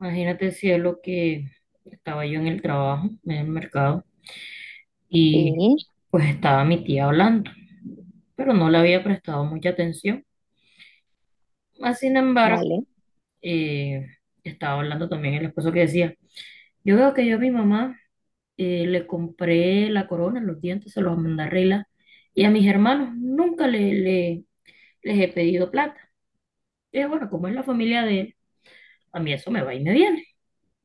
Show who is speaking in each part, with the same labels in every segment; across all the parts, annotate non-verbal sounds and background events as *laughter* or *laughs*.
Speaker 1: Imagínate, cielo, que estaba yo en el trabajo, en el mercado, y
Speaker 2: Sí,
Speaker 1: pues estaba mi tía hablando, pero no le había prestado mucha atención. Más sin embargo,
Speaker 2: vale.
Speaker 1: eh, estaba hablando también el esposo que decía, yo veo que yo a mi mamá le compré la corona, los dientes, se los mandé a arreglar, y a mis hermanos nunca les he pedido plata. Y yo, bueno, como es la familia de él, a mí eso me va y me viene.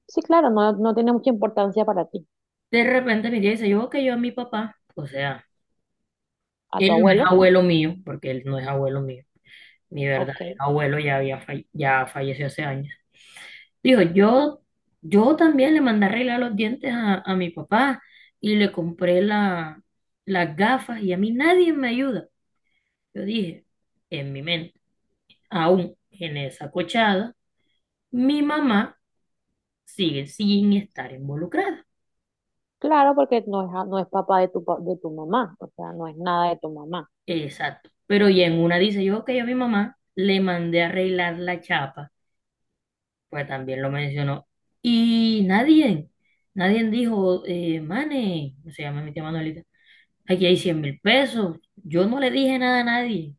Speaker 2: Sí, claro, no, no tiene mucha importancia para ti.
Speaker 1: De repente mi tía dice, yo veo que yo a mi papá, o sea,
Speaker 2: ¿A tu
Speaker 1: él no es
Speaker 2: abuelo?
Speaker 1: abuelo mío, porque él no es abuelo mío. Mi
Speaker 2: Ok.
Speaker 1: verdadero abuelo ya falleció hace años. Dijo, yo también le mandé a arreglar los dientes a mi papá y le compré las gafas y a mí nadie me ayuda. Yo dije, en mi mente, aún en esa cochada, mi mamá sigue sin estar involucrada.
Speaker 2: Claro, porque no es, no es papá de tu, de tu mamá, o sea, no es nada de tu mamá.
Speaker 1: Exacto. Pero y en una dice yo, ok, a mi mamá le mandé a arreglar la chapa pues también lo mencionó. Y nadie, nadie dijo, Mane, se llama mi tía Manuelita, aquí hay 100.000 pesos. Yo no le dije nada a nadie,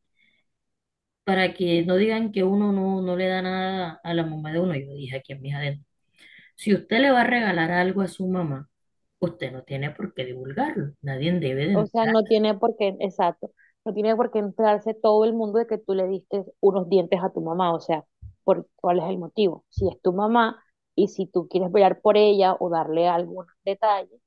Speaker 1: para que no digan que uno no le da nada a la mamá de uno. Yo dije aquí en mis adentros, si usted le va a regalar algo a su mamá, usted no tiene por qué divulgarlo. Nadie debe de
Speaker 2: O sea,
Speaker 1: entrar.
Speaker 2: no tiene por qué, exacto, no tiene por qué entrarse todo el mundo de que tú le diste unos dientes a tu mamá, o sea, ¿cuál es el motivo? Si es tu mamá y si tú quieres velar por ella o darle algún detalle,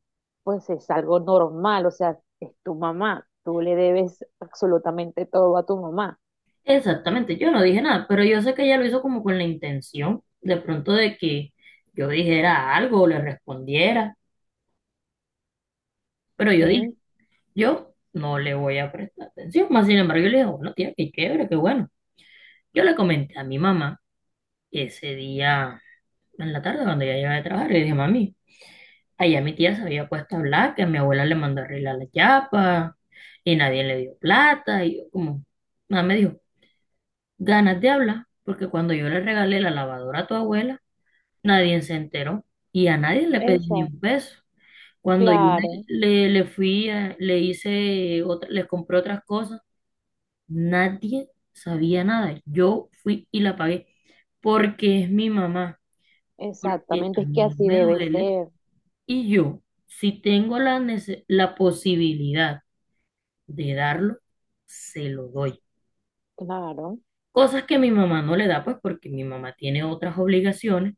Speaker 2: pues es algo normal, o sea, es tu mamá, tú le debes absolutamente todo a tu mamá,
Speaker 1: Exactamente, yo no dije nada, pero yo sé que ella lo hizo como con la intención, de pronto de que yo dijera algo o le respondiera, pero yo dije,
Speaker 2: ¿ok?
Speaker 1: yo no le voy a prestar atención, más sin embargo yo le digo, bueno, tía, qué chévere, qué bueno. Yo le comenté a mi mamá ese día en la tarde cuando ella llegaba de trabajar, le dije, mami, allá mi tía se había puesto a hablar que a mi abuela le mandó a arreglar la chapa y nadie le dio plata y yo como, nada me dijo, ganas de hablar, porque cuando yo le regalé la lavadora a tu abuela, nadie se enteró y a nadie le pedí ni
Speaker 2: Exacto.
Speaker 1: un peso. Cuando yo
Speaker 2: Claro,
Speaker 1: le fui, le hice, le compré otras cosas. Nadie sabía nada. Yo fui y la pagué porque es mi mamá, porque
Speaker 2: exactamente,
Speaker 1: a
Speaker 2: es que
Speaker 1: mí no
Speaker 2: así
Speaker 1: me
Speaker 2: debe
Speaker 1: duele
Speaker 2: ser,
Speaker 1: y yo, si tengo la posibilidad de darlo, se lo doy.
Speaker 2: claro,
Speaker 1: Cosas que mi mamá no le da, pues porque mi mamá tiene otras obligaciones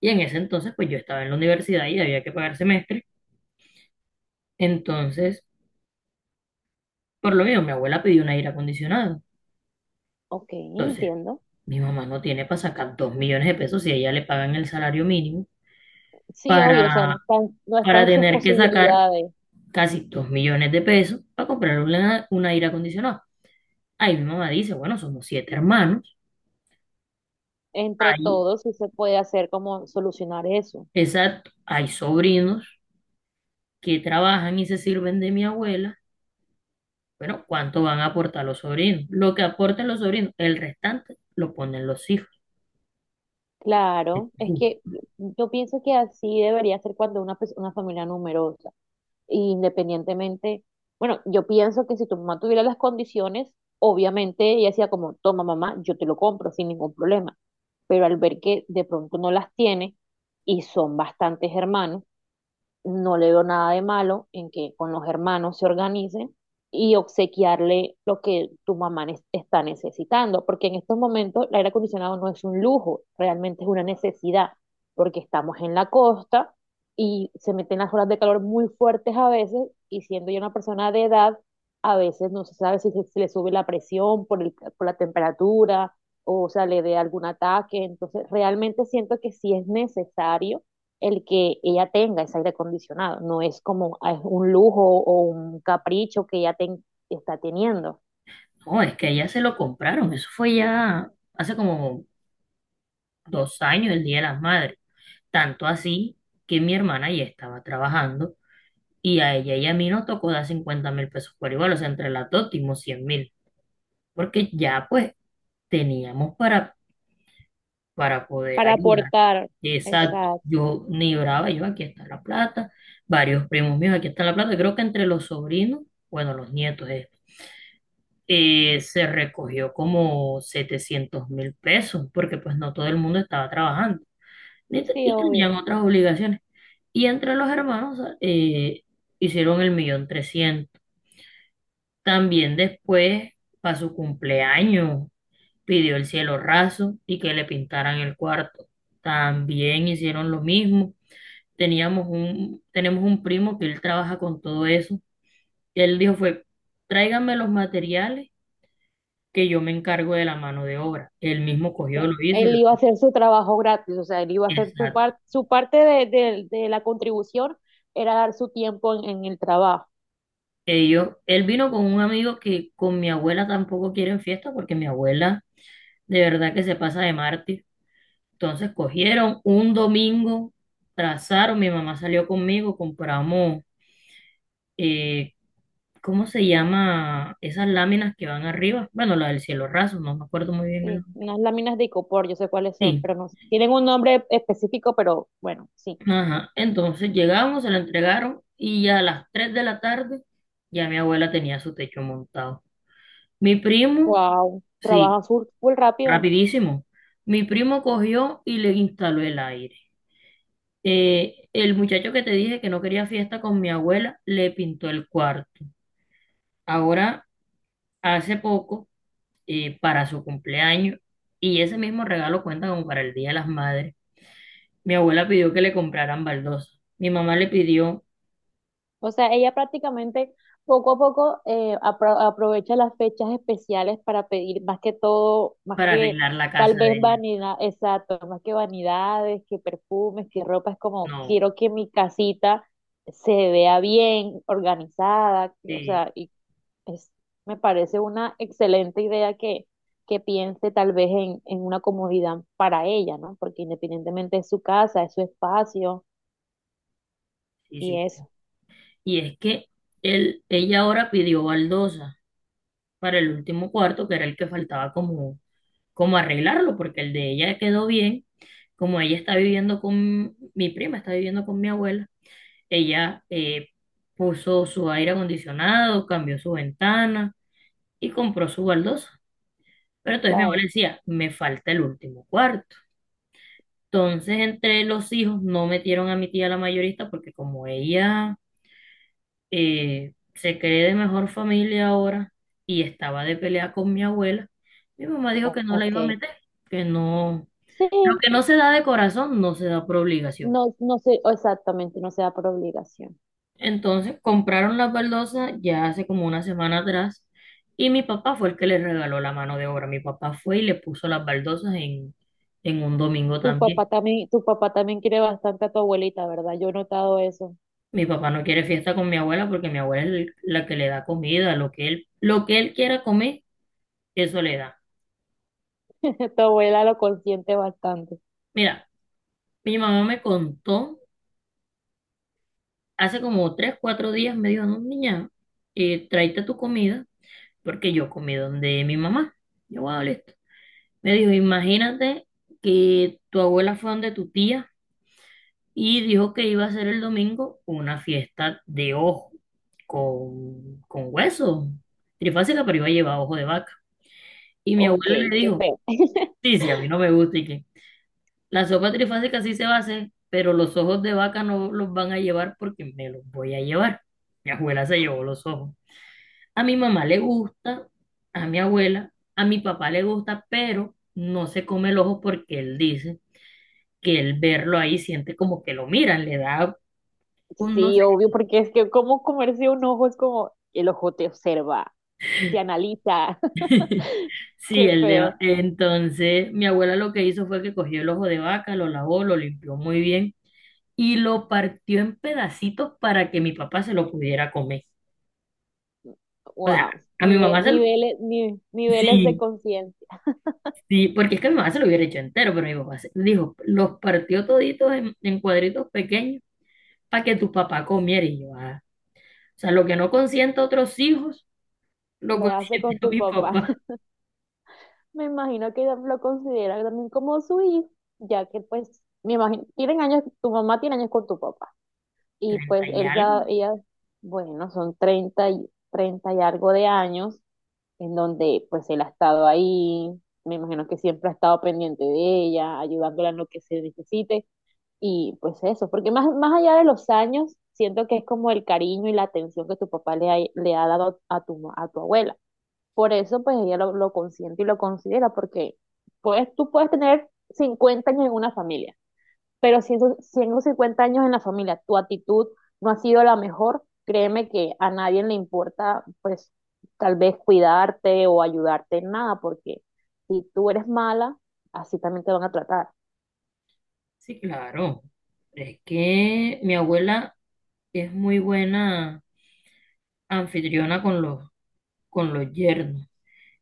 Speaker 1: y en ese entonces, pues yo estaba en la universidad y había que pagar semestre. Entonces, por lo mismo, mi abuela pidió un aire acondicionado.
Speaker 2: ok,
Speaker 1: Entonces,
Speaker 2: entiendo.
Speaker 1: mi mamá no tiene para sacar 2 millones de pesos si a ella le pagan el salario mínimo
Speaker 2: Sí, obvio, o sea,
Speaker 1: para
Speaker 2: no está, no está
Speaker 1: para
Speaker 2: en sus
Speaker 1: tener que sacar
Speaker 2: posibilidades,
Speaker 1: casi 2 millones de pesos para comprar un aire acondicionado. Ahí mi mamá dice, bueno, somos siete hermanos,
Speaker 2: entre
Speaker 1: hay,
Speaker 2: todos, si se puede hacer como solucionar eso.
Speaker 1: exacto, hay sobrinos que trabajan y se sirven de mi abuela. Bueno, ¿cuánto van a aportar los sobrinos? Lo que aporten los sobrinos, el restante lo ponen los hijos.
Speaker 2: Claro, es que yo pienso que así debería ser cuando una, una familia numerosa, independientemente, bueno, yo pienso que si tu mamá tuviera las condiciones, obviamente ella decía como, toma mamá, yo te lo compro sin ningún problema, pero al ver que de pronto no las tiene y son bastantes hermanos, no le veo nada de malo en que con los hermanos se organicen y obsequiarle lo que tu mamá está necesitando, porque en estos momentos el aire acondicionado no es un lujo, realmente es una necesidad, porque estamos en la costa y se meten las olas de calor muy fuertes a veces, y siendo yo una persona de edad, a veces no se sabe si se, si le sube la presión por por la temperatura o sea, le dé algún ataque, entonces realmente siento que sí es necesario el que ella tenga ese aire acondicionado, no es como es un lujo o un capricho que ella está teniendo.
Speaker 1: No, es que ya se lo compraron, eso fue ya hace como 2 años, el Día de las Madres. Tanto así que mi hermana ya estaba trabajando. Y a ella y a mí nos tocó dar 50.000 pesos por igual, o sea, entre las dos dimos 100.000, porque ya pues teníamos para poder
Speaker 2: Para
Speaker 1: ayudar.
Speaker 2: aportar.
Speaker 1: Exacto,
Speaker 2: Exacto.
Speaker 1: yo ni brava, yo aquí está la plata, varios primos míos, aquí está la plata, creo que entre los sobrinos, bueno, los nietos, se recogió como 700.000 pesos, porque pues no todo el mundo estaba trabajando ni
Speaker 2: Sí,
Speaker 1: y
Speaker 2: obvio. O
Speaker 1: tenían otras obligaciones. Y entre los hermanos hicieron el millón trescientos. También después, para su cumpleaños, pidió el cielo raso y que le pintaran el cuarto. También hicieron lo mismo. Tenemos un primo que él trabaja con todo eso. Y él dijo fue, tráiganme los materiales que yo me encargo de la mano de obra. Él mismo cogió,
Speaker 2: sea,
Speaker 1: lo hizo.
Speaker 2: él iba a hacer su trabajo gratis, o sea, él iba a hacer su,
Speaker 1: Exacto.
Speaker 2: su parte de, de la contribución, era dar su tiempo en el trabajo.
Speaker 1: Ellos, él vino con un amigo que con mi abuela tampoco quieren fiesta porque mi abuela de verdad que se pasa de mártir. Entonces cogieron un domingo, trazaron, mi mamá salió conmigo, compramos, eh, ¿cómo se llama? Esas láminas que van arriba. Bueno, la del cielo raso, no me acuerdo muy bien el
Speaker 2: Sí,
Speaker 1: nombre.
Speaker 2: unas láminas de icopor, yo sé cuáles son,
Speaker 1: Sí,
Speaker 2: pero no sé. Tienen un nombre específico, pero bueno, sí.
Speaker 1: ajá. Entonces llegamos, se la entregaron y ya a las 3 de la tarde ya mi abuela tenía su techo montado. Mi primo,
Speaker 2: Wow,
Speaker 1: sí,
Speaker 2: trabajan full, full rápido.
Speaker 1: rapidísimo. Mi primo cogió y le instaló el aire. El muchacho que te dije que no quería fiesta con mi abuela le pintó el cuarto. Ahora, hace poco, para su cumpleaños, y ese mismo regalo cuenta como para el Día de las Madres, mi abuela pidió que le compraran baldosa. Mi mamá le pidió
Speaker 2: O sea, ella prácticamente poco a poco aprovecha las fechas especiales para pedir más que todo, más
Speaker 1: para
Speaker 2: que
Speaker 1: arreglar la
Speaker 2: tal
Speaker 1: casa de
Speaker 2: vez
Speaker 1: ella.
Speaker 2: vanidad, exacto, más que vanidades, que perfumes, que ropa, es como
Speaker 1: No,
Speaker 2: quiero que mi casita se vea bien, organizada, o
Speaker 1: sí,
Speaker 2: sea, es- me parece una excelente idea que piense tal vez en una comodidad para ella, ¿no? Porque independientemente es su casa, es su espacio
Speaker 1: sí, sí.
Speaker 2: y eso,
Speaker 1: Y es que ella ahora pidió baldosa para el último cuarto, que era el que faltaba como arreglarlo, porque el de ella quedó bien. Como ella está viviendo con mi prima, está viviendo con mi abuela. Ella puso su aire acondicionado, cambió su ventana y compró su baldosa. Pero entonces mi abuela
Speaker 2: claro,
Speaker 1: decía, me falta el último cuarto. Entonces entre los hijos no metieron a mi tía la mayorista porque como ella se cree de mejor familia ahora y estaba de pelea con mi abuela, mi mamá dijo que no la
Speaker 2: ok.
Speaker 1: iba a meter, que no, lo
Speaker 2: Sí,
Speaker 1: que no se da de corazón no se da por obligación.
Speaker 2: no, no sé exactamente, no se da por obligación.
Speaker 1: Entonces compraron las baldosas ya hace como una semana atrás y mi papá fue el que le regaló la mano de obra. Mi papá fue y le puso las baldosas en un domingo también.
Speaker 2: Tu papá también quiere bastante a tu abuelita, ¿verdad? Yo he notado eso.
Speaker 1: Mi papá no quiere fiesta con mi abuela porque mi abuela es la que le da comida, lo que él quiera comer, eso le da.
Speaker 2: *laughs* Tu abuela lo consiente bastante.
Speaker 1: Mira, mi mamá me contó hace como 3, 4 días, me dijo, no, niña, tráete tu comida porque yo comí donde mi mamá. Yo, wow, listo. Me dijo, imagínate que tu abuela fue donde tu tía y dijo que iba a hacer el domingo una fiesta de ojo con hueso, trifásica, pero iba a llevar ojo de vaca. Y mi
Speaker 2: Ok,
Speaker 1: abuelo le
Speaker 2: qué
Speaker 1: dijo,
Speaker 2: feo. *laughs*
Speaker 1: sí, sí, a mí no me gusta y que la sopa trifásica sí se va a hacer, pero los ojos de vaca no los van a llevar porque me los voy a llevar. Mi abuela se llevó los ojos. A mi mamá le gusta, a mi abuela, a mi papá le gusta, pero no se come el ojo porque él dice que el verlo ahí siente como que lo miran, le da un no sé.
Speaker 2: Sí, obvio, porque es que como comerse un ojo es como el ojo te observa, te analiza. *laughs*
Speaker 1: Sí,
Speaker 2: Qué
Speaker 1: el de,
Speaker 2: feo.
Speaker 1: entonces mi abuela lo que hizo fue que cogió el ojo de vaca, lo lavó, lo limpió muy bien y lo partió en pedacitos para que mi papá se lo pudiera comer. O sea,
Speaker 2: Wow.
Speaker 1: a mi mamá se lo.
Speaker 2: Niveles, niveles de
Speaker 1: Sí,
Speaker 2: conciencia.
Speaker 1: sí, porque es que mi mamá se lo hubiera hecho entero, pero mi papá dijo, los partió toditos en cuadritos pequeños para que tu papá comiera y yo, "Ah". O sea, lo que no consiente a otros hijos, lo
Speaker 2: Lo hace
Speaker 1: consiente
Speaker 2: con
Speaker 1: a
Speaker 2: tu
Speaker 1: mi
Speaker 2: papá.
Speaker 1: papá.
Speaker 2: Me imagino que lo considera también como su hijo, ya que pues, me imagino, tienen años, tu mamá tiene años con tu papá, y
Speaker 1: Treinta
Speaker 2: pues
Speaker 1: y
Speaker 2: él,
Speaker 1: algo.
Speaker 2: ella, bueno, son treinta y algo de años, en donde pues él ha estado ahí, me imagino que siempre ha estado pendiente de ella, ayudándola en lo que se necesite, y pues eso, porque más, más allá de los años, siento que es como el cariño y la atención que tu papá le ha dado a tu, a tu abuela por eso, pues ella lo consiente y lo considera, porque pues, tú puedes tener 50 años en una familia, pero si en esos 50 años en la familia tu actitud no ha sido la mejor, créeme que a nadie le importa, pues, tal vez cuidarte o ayudarte en nada, porque si tú eres mala, así también te van a tratar.
Speaker 1: Sí, claro. Es que mi abuela y es muy buena anfitriona con los yernos.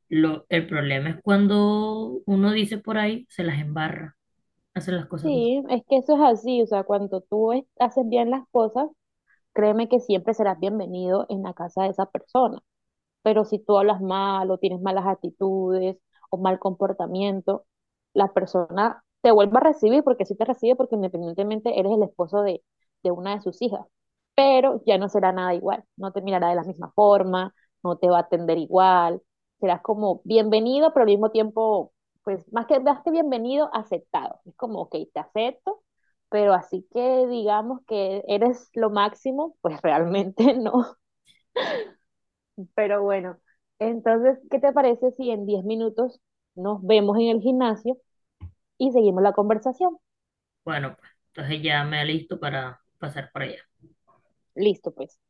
Speaker 1: El problema es cuando uno dice por ahí, se las embarra, hace las cosas mal.
Speaker 2: Sí, es que eso es así, o sea, cuando tú haces bien las cosas, créeme que siempre serás bienvenido en la casa de esa persona. Pero si tú hablas mal o tienes malas actitudes o mal comportamiento, la persona te vuelve a recibir porque sí te recibe porque independientemente eres el esposo de, una de sus hijas. Pero ya no será nada igual, no te mirará de la misma forma, no te va a atender igual, serás como bienvenido, pero al mismo tiempo, pues más que bienvenido, aceptado. Es como, ok, te acepto, pero así que digamos que eres lo máximo, pues *laughs* realmente no. Pero bueno, entonces, ¿qué te parece si en 10 minutos nos vemos en el gimnasio y seguimos la conversación?
Speaker 1: Bueno, pues entonces ya me alisto para pasar por allá.
Speaker 2: Listo, pues.